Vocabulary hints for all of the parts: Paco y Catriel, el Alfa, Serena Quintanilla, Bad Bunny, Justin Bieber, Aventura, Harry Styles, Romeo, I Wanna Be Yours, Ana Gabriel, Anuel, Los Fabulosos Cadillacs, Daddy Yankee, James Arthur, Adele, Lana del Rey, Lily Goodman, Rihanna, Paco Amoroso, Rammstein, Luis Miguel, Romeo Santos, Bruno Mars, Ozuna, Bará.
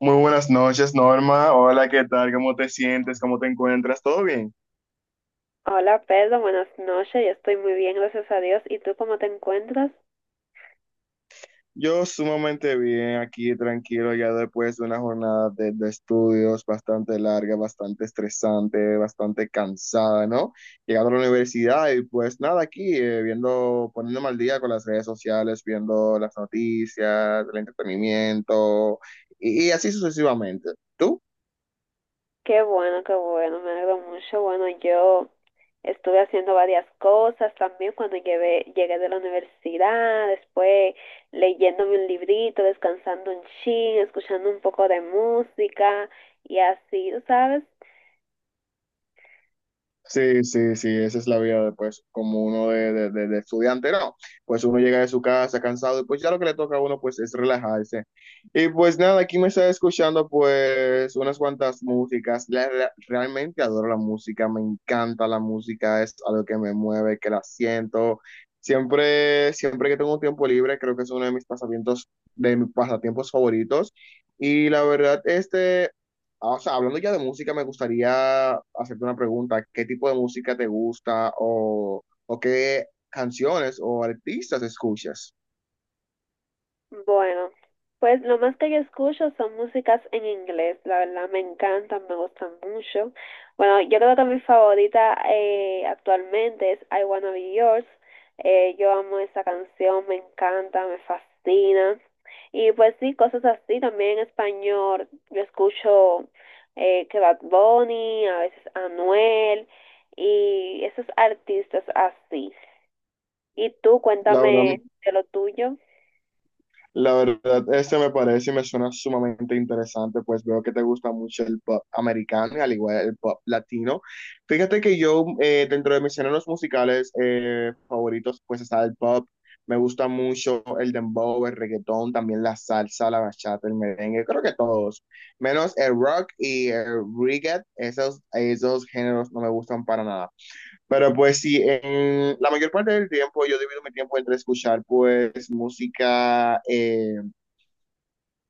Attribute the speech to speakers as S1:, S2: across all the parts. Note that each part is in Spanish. S1: Muy buenas noches, Norma. Hola, ¿qué tal? ¿Cómo te sientes? ¿Cómo te encuentras? ¿Todo bien?
S2: Hola Pedro, buenas noches. Yo estoy muy bien, gracias a Dios. ¿Y tú cómo te encuentras?
S1: Yo sumamente bien, aquí tranquilo, ya después de una jornada de estudios bastante larga, bastante estresante, bastante cansada, ¿no? Llegando a la universidad y pues nada, aquí viendo, poniéndome al día con las redes sociales, viendo las noticias, el entretenimiento y así sucesivamente. ¿Tú?
S2: Qué bueno, me alegro mucho. Bueno, yo estuve haciendo varias cosas también cuando llegué de la universidad, después leyéndome un librito, descansando un chin, escuchando un poco de música y así, ¿tú sabes?
S1: Sí, sí, sí, esa es la vida de, pues, como uno de estudiante, no, pues uno llega de su casa cansado y pues ya lo que le toca a uno pues es relajarse. Y pues nada, aquí me está escuchando pues unas cuantas músicas, realmente adoro la música, me encanta la música, es algo que me mueve, que la siento. Siempre, siempre que tengo tiempo libre, creo que es uno de mis pasatiempos favoritos. Y la verdad, O sea, hablando ya de música, me gustaría hacerte una pregunta. ¿Qué tipo de música te gusta o qué canciones o artistas escuchas?
S2: Bueno, pues lo más que yo escucho son músicas en inglés, la verdad me encantan, me gustan mucho. Bueno, yo creo que mi favorita actualmente es I Wanna Be Yours. Yo amo esa canción, me encanta, me fascina. Y pues sí, cosas así, también en español yo escucho que Bad Bunny, a veces Anuel y esos artistas así. Y tú
S1: La verdad,
S2: cuéntame de lo tuyo.
S1: La verdad, este me parece y me suena sumamente interesante, pues veo que te gusta mucho el pop americano, y al igual el pop latino. Fíjate que yo, dentro de mis géneros musicales favoritos, pues está el pop, me gusta mucho el dembow, el reggaetón, también la salsa, la bachata, el merengue, creo que todos, menos el rock y el reggae, esos, esos géneros no me gustan para nada. Pero pues sí, en la mayor parte del tiempo yo divido mi tiempo entre escuchar pues música, eh,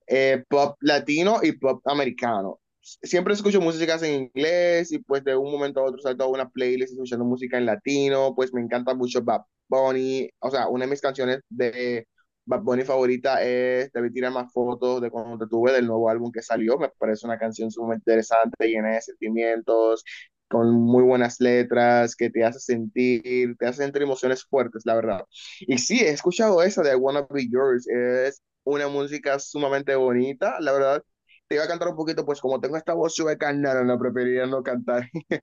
S1: eh, pop latino y pop americano. Siempre escucho músicas en inglés y pues de un momento a otro salto a una playlist escuchando música en latino, pues me encanta mucho Bad Bunny, o sea, una de mis canciones de Bad Bunny favorita es Debí Tirar Más Fotos de cuando te tuve del nuevo álbum que salió, me parece una canción sumamente interesante, llena de sentimientos, con muy buenas letras, que te hace sentir emociones fuertes, la verdad. Y sí, he escuchado esa de I Wanna Be Yours, es una música sumamente bonita, la verdad. Te iba a cantar un poquito, pues como tengo esta voz sueca, no, no, no, preferiría no cantar.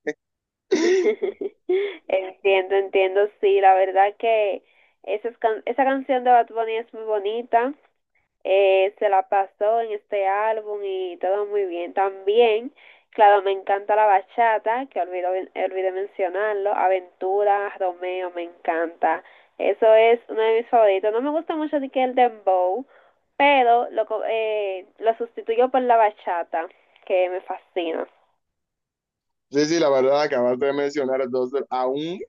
S2: Entiendo, entiendo, sí, la verdad que esa, esa canción de Bad Bunny es muy bonita, se la pasó en este álbum y todo muy bien. También, claro, me encanta la bachata, que olvidé mencionarlo, Aventura, Romeo, me encanta. Eso es uno de mis favoritos. No me gusta mucho ni que el dembow, pero lo sustituyo por la bachata, que me fascina.
S1: Sí, sí, la verdad, acabaste de mencionar entonces,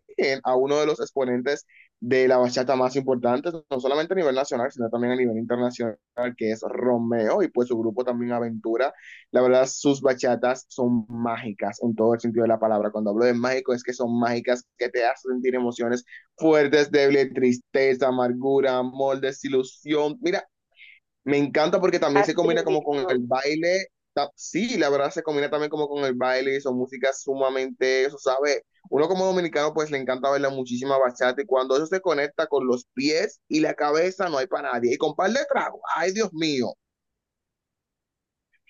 S1: a uno de los exponentes de la bachata más importantes, no solamente a nivel nacional, sino también a nivel internacional, que es Romeo y pues su grupo también Aventura. La verdad, sus bachatas son mágicas en todo el sentido de la palabra. Cuando hablo de mágico, es que son mágicas que te hacen sentir emociones fuertes, débiles, tristeza, amargura, amor, desilusión. Mira, me encanta porque también se
S2: Así
S1: combina como con el
S2: mismo.
S1: baile. Sí, la verdad se combina también como con el baile y son músicas sumamente, eso sabe, uno como dominicano pues le encanta bailar muchísima bachata y cuando eso se conecta con los pies y la cabeza no hay para nadie. Y con par de tragos, ay Dios mío.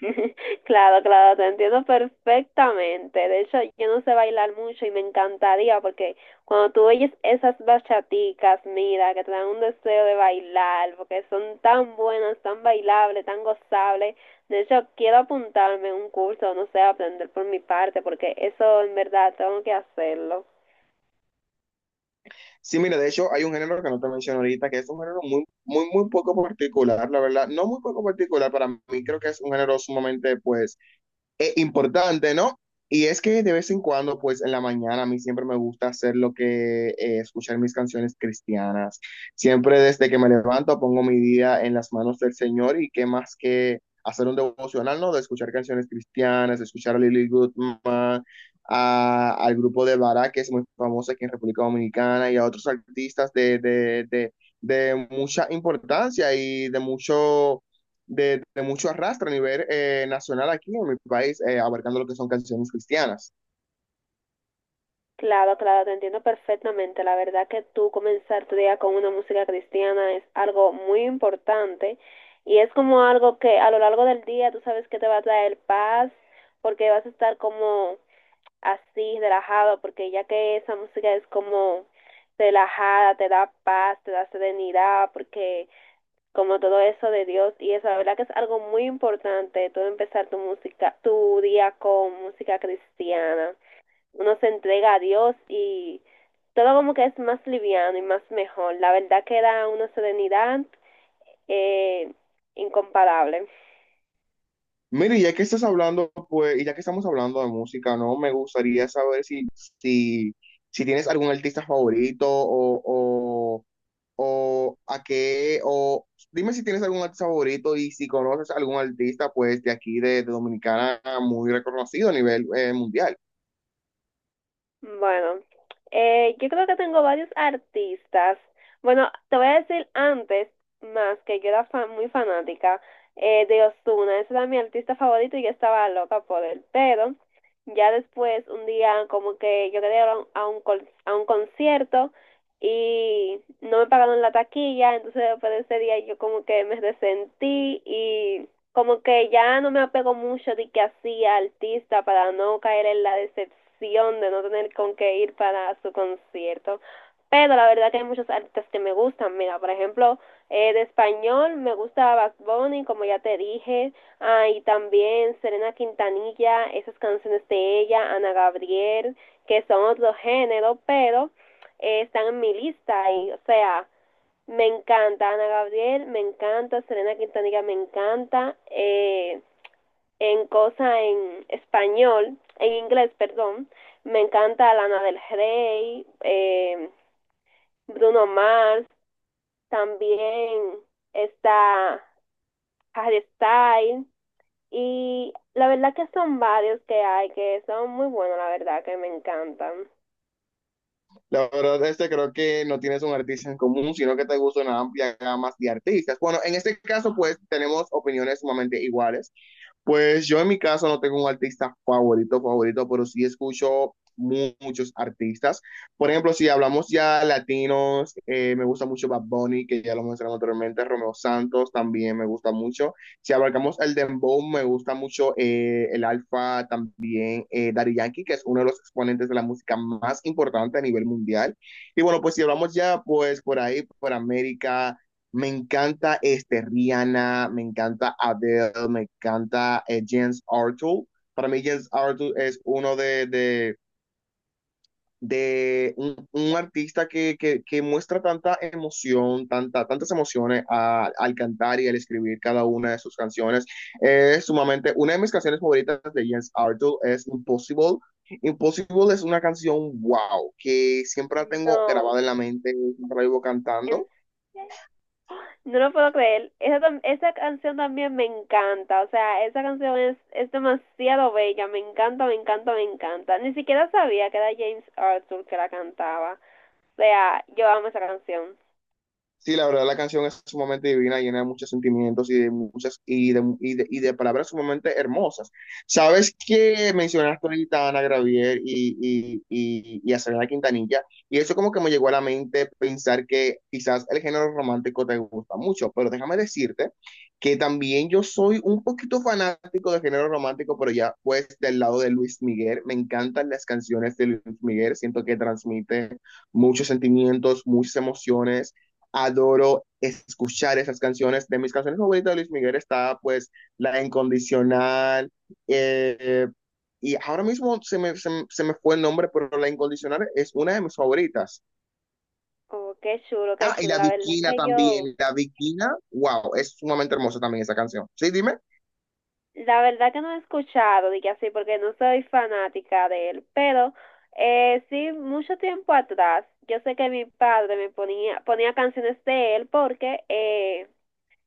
S2: Claro, claro, te entiendo perfectamente. De hecho, yo no sé bailar mucho y me encantaría porque cuando tú oyes esas bachaticas, mira, que te dan un deseo de bailar, porque son tan buenas, tan bailables, tan gozables. De hecho, quiero apuntarme a un curso, no sé, aprender por mi parte, porque eso en verdad tengo que hacerlo.
S1: Sí, mira, de hecho hay un género que no te menciono ahorita, que es un género muy, muy, muy poco particular, la verdad, no muy poco particular para mí, creo que es un género sumamente pues importante, ¿no? Y es que de vez en cuando, pues en la mañana, a mí siempre me gusta hacer lo que, escuchar mis canciones cristianas. Siempre desde que me levanto pongo mi día en las manos del Señor y qué más que hacer un devocional, ¿no? De escuchar canciones cristianas, de escuchar a Lily Goodman, al grupo de Bará, que es muy famoso aquí en República Dominicana, y a otros artistas de mucha importancia y de mucho arrastre a nivel nacional aquí en mi país, abarcando lo que son canciones cristianas.
S2: Claro, claro, te entiendo perfectamente. La verdad que tú comenzar tu día con una música cristiana es algo muy importante y es como algo que a lo largo del día tú sabes que te va a traer paz porque vas a estar como así, relajado, porque ya que esa música es como relajada, te da paz, te da serenidad, porque como todo eso de Dios y eso, la verdad que es algo muy importante tú empezar tu música, tu día con música cristiana, uno se entrega a Dios y todo como que es más liviano y más mejor. La verdad que da una serenidad eh, incomparable.
S1: Mire, ya que estás hablando, pues, y ya que estamos hablando de música, ¿no? Me gustaría saber si, si tienes algún artista favorito o a qué, o dime si tienes algún artista favorito y si conoces algún artista, pues, de aquí, de Dominicana, muy reconocido a nivel mundial.
S2: Bueno, yo creo que tengo varios artistas. Bueno, te voy a decir antes, más que yo era muy fanática de Ozuna. Ese era mi artista favorito y yo estaba loca por él. Pero ya después, un día, como que yo quería ir a un a un concierto y no me pagaron la taquilla. Entonces, después de ese día, yo como que me resentí y como que ya no me apego mucho de que hacía artista para no caer en la decepción de no tener con qué ir para su concierto. Pero la verdad que hay muchos artistas que me gustan. Mira, por ejemplo, de español me gusta Bad Bunny, como ya te dije. Ah, y también Serena Quintanilla, esas canciones de ella, Ana Gabriel, que son otro género, pero están en mi lista. Y, o sea, me encanta Ana Gabriel, me encanta Serena Quintanilla, me encanta en cosa en español, en inglés, perdón. Me encanta Lana del Rey, Bruno Mars, también está Harry Styles, y la verdad que son varios que hay que son muy buenos, la verdad que me encantan.
S1: La verdad, este creo que no tienes un artista en común, sino que te gusta una amplia gama de artistas. Bueno, en este caso, pues tenemos opiniones sumamente iguales. Pues yo en mi caso no tengo un artista favorito, favorito, pero sí escucho muchos artistas. Por ejemplo, si hablamos ya latinos, me gusta mucho Bad Bunny, que ya lo mencionamos anteriormente, Romeo Santos también me gusta mucho. Si abarcamos el dembow, me gusta mucho el Alfa, también Daddy Yankee, que es uno de los exponentes de la música más importante a nivel mundial. Y bueno, pues si hablamos ya, pues por ahí, por América. Me encanta este Rihanna, me encanta Adele, me encanta James Arthur. Para mí James Arthur es uno de un artista que muestra tanta emoción, tanta, tantas emociones al cantar y al escribir cada una de sus canciones. Es sumamente, una de mis canciones favoritas de James Arthur es Impossible. Impossible es una canción wow, que siempre la tengo
S2: No,
S1: grabada en la mente, siempre la vivo
S2: en-
S1: cantando.
S2: no lo puedo creer. Esa, esa canción también me encanta. O sea, esa canción es demasiado bella. Me encanta, me encanta, me encanta. Ni siquiera sabía que era James Arthur que la cantaba. O sea, yo amo esa canción.
S1: Sí, la verdad la canción es sumamente divina, llena de muchos sentimientos y de muchas y de palabras sumamente hermosas. Sabes que mencionaste ahorita a Ana Gravier y a Selena Quintanilla, y eso como que me llegó a la mente pensar que quizás el género romántico te gusta mucho, pero déjame decirte que también yo soy un poquito fanático del género romántico, pero ya pues del lado de Luis Miguel, me encantan las canciones de Luis Miguel, siento que transmite muchos sentimientos, muchas emociones, adoro escuchar esas canciones. De mis canciones favoritas de Luis Miguel está pues La Incondicional. eh, y ahora mismo se me fue el nombre, pero La Incondicional es una de mis favoritas.
S2: Oh, qué chulo, qué
S1: Ah, y
S2: chulo.
S1: La
S2: La verdad
S1: Bikina
S2: que yo,
S1: también. La Bikina, wow, es sumamente hermosa también esa canción. Sí, dime.
S2: la verdad que no he escuchado, dije así, porque no soy fanática de él. Pero sí, mucho tiempo atrás, yo sé que mi padre me ponía canciones de él porque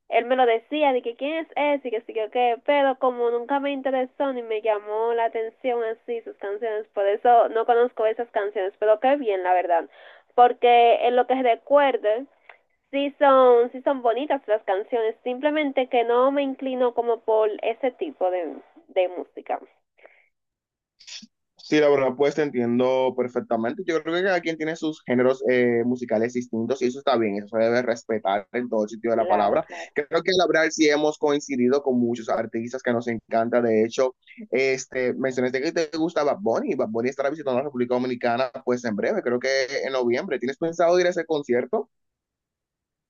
S2: él me lo decía, de que quién es ese, y que sí, que qué, pero como nunca me interesó ni me llamó la atención así sus canciones, por eso no conozco esas canciones, pero qué bien, la verdad, porque en lo que recuerde, sí son bonitas las canciones, simplemente que no me inclino como por ese tipo de música.
S1: Sí, la verdad, pues te entiendo perfectamente. Yo creo que cada quien tiene sus géneros musicales distintos y eso está bien, eso se debe respetar en todo sentido de la
S2: Claro,
S1: palabra.
S2: claro.
S1: Creo que la verdad sí hemos coincidido con muchos artistas que nos encanta. De hecho, este, mencionaste que te gusta Bad Bunny. Bad Bunny estará visitando la República Dominicana pues en breve, creo que en noviembre. ¿Tienes pensado ir a ese concierto?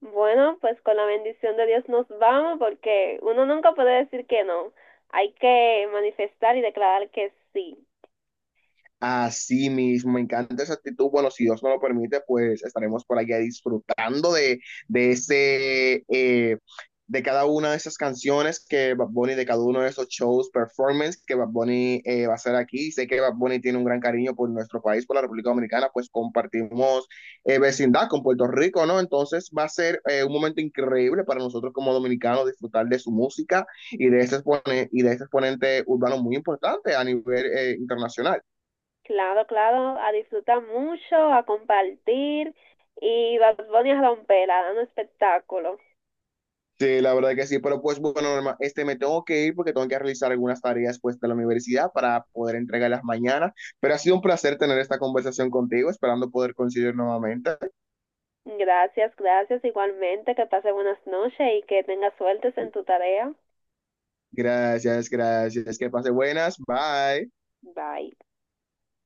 S2: Bueno, pues con la bendición de Dios nos vamos, porque uno nunca puede decir que no, hay que manifestar y declarar que sí.
S1: Así mismo, me encanta esa actitud. Bueno, si Dios nos lo permite, pues estaremos por allá disfrutando de ese, de cada una de esas canciones que Bad Bunny, de cada uno de esos shows, performance que Bad Bunny va a hacer aquí. Sé que Bad Bunny tiene un gran cariño por nuestro país, por la República Dominicana, pues compartimos vecindad con Puerto Rico, ¿no? Entonces va a ser un momento increíble para nosotros como dominicanos disfrutar de su música y de ese exponente, y de ese exponente urbano muy importante a nivel internacional.
S2: Claro, claro, a disfrutar mucho, a compartir y Bad Bunny a romperla, a dar un espectáculo.
S1: Sí, la verdad que sí, pero pues bueno, Norma, este me tengo que ir porque tengo que realizar algunas tareas pues de la universidad para poder entregarlas mañana, pero ha sido un placer tener esta conversación contigo, esperando poder coincidir nuevamente.
S2: Gracias, gracias. Igualmente, que pase buenas noches y que tengas suertes en tu tarea.
S1: Gracias, gracias, que pase buenas, bye.
S2: Bye.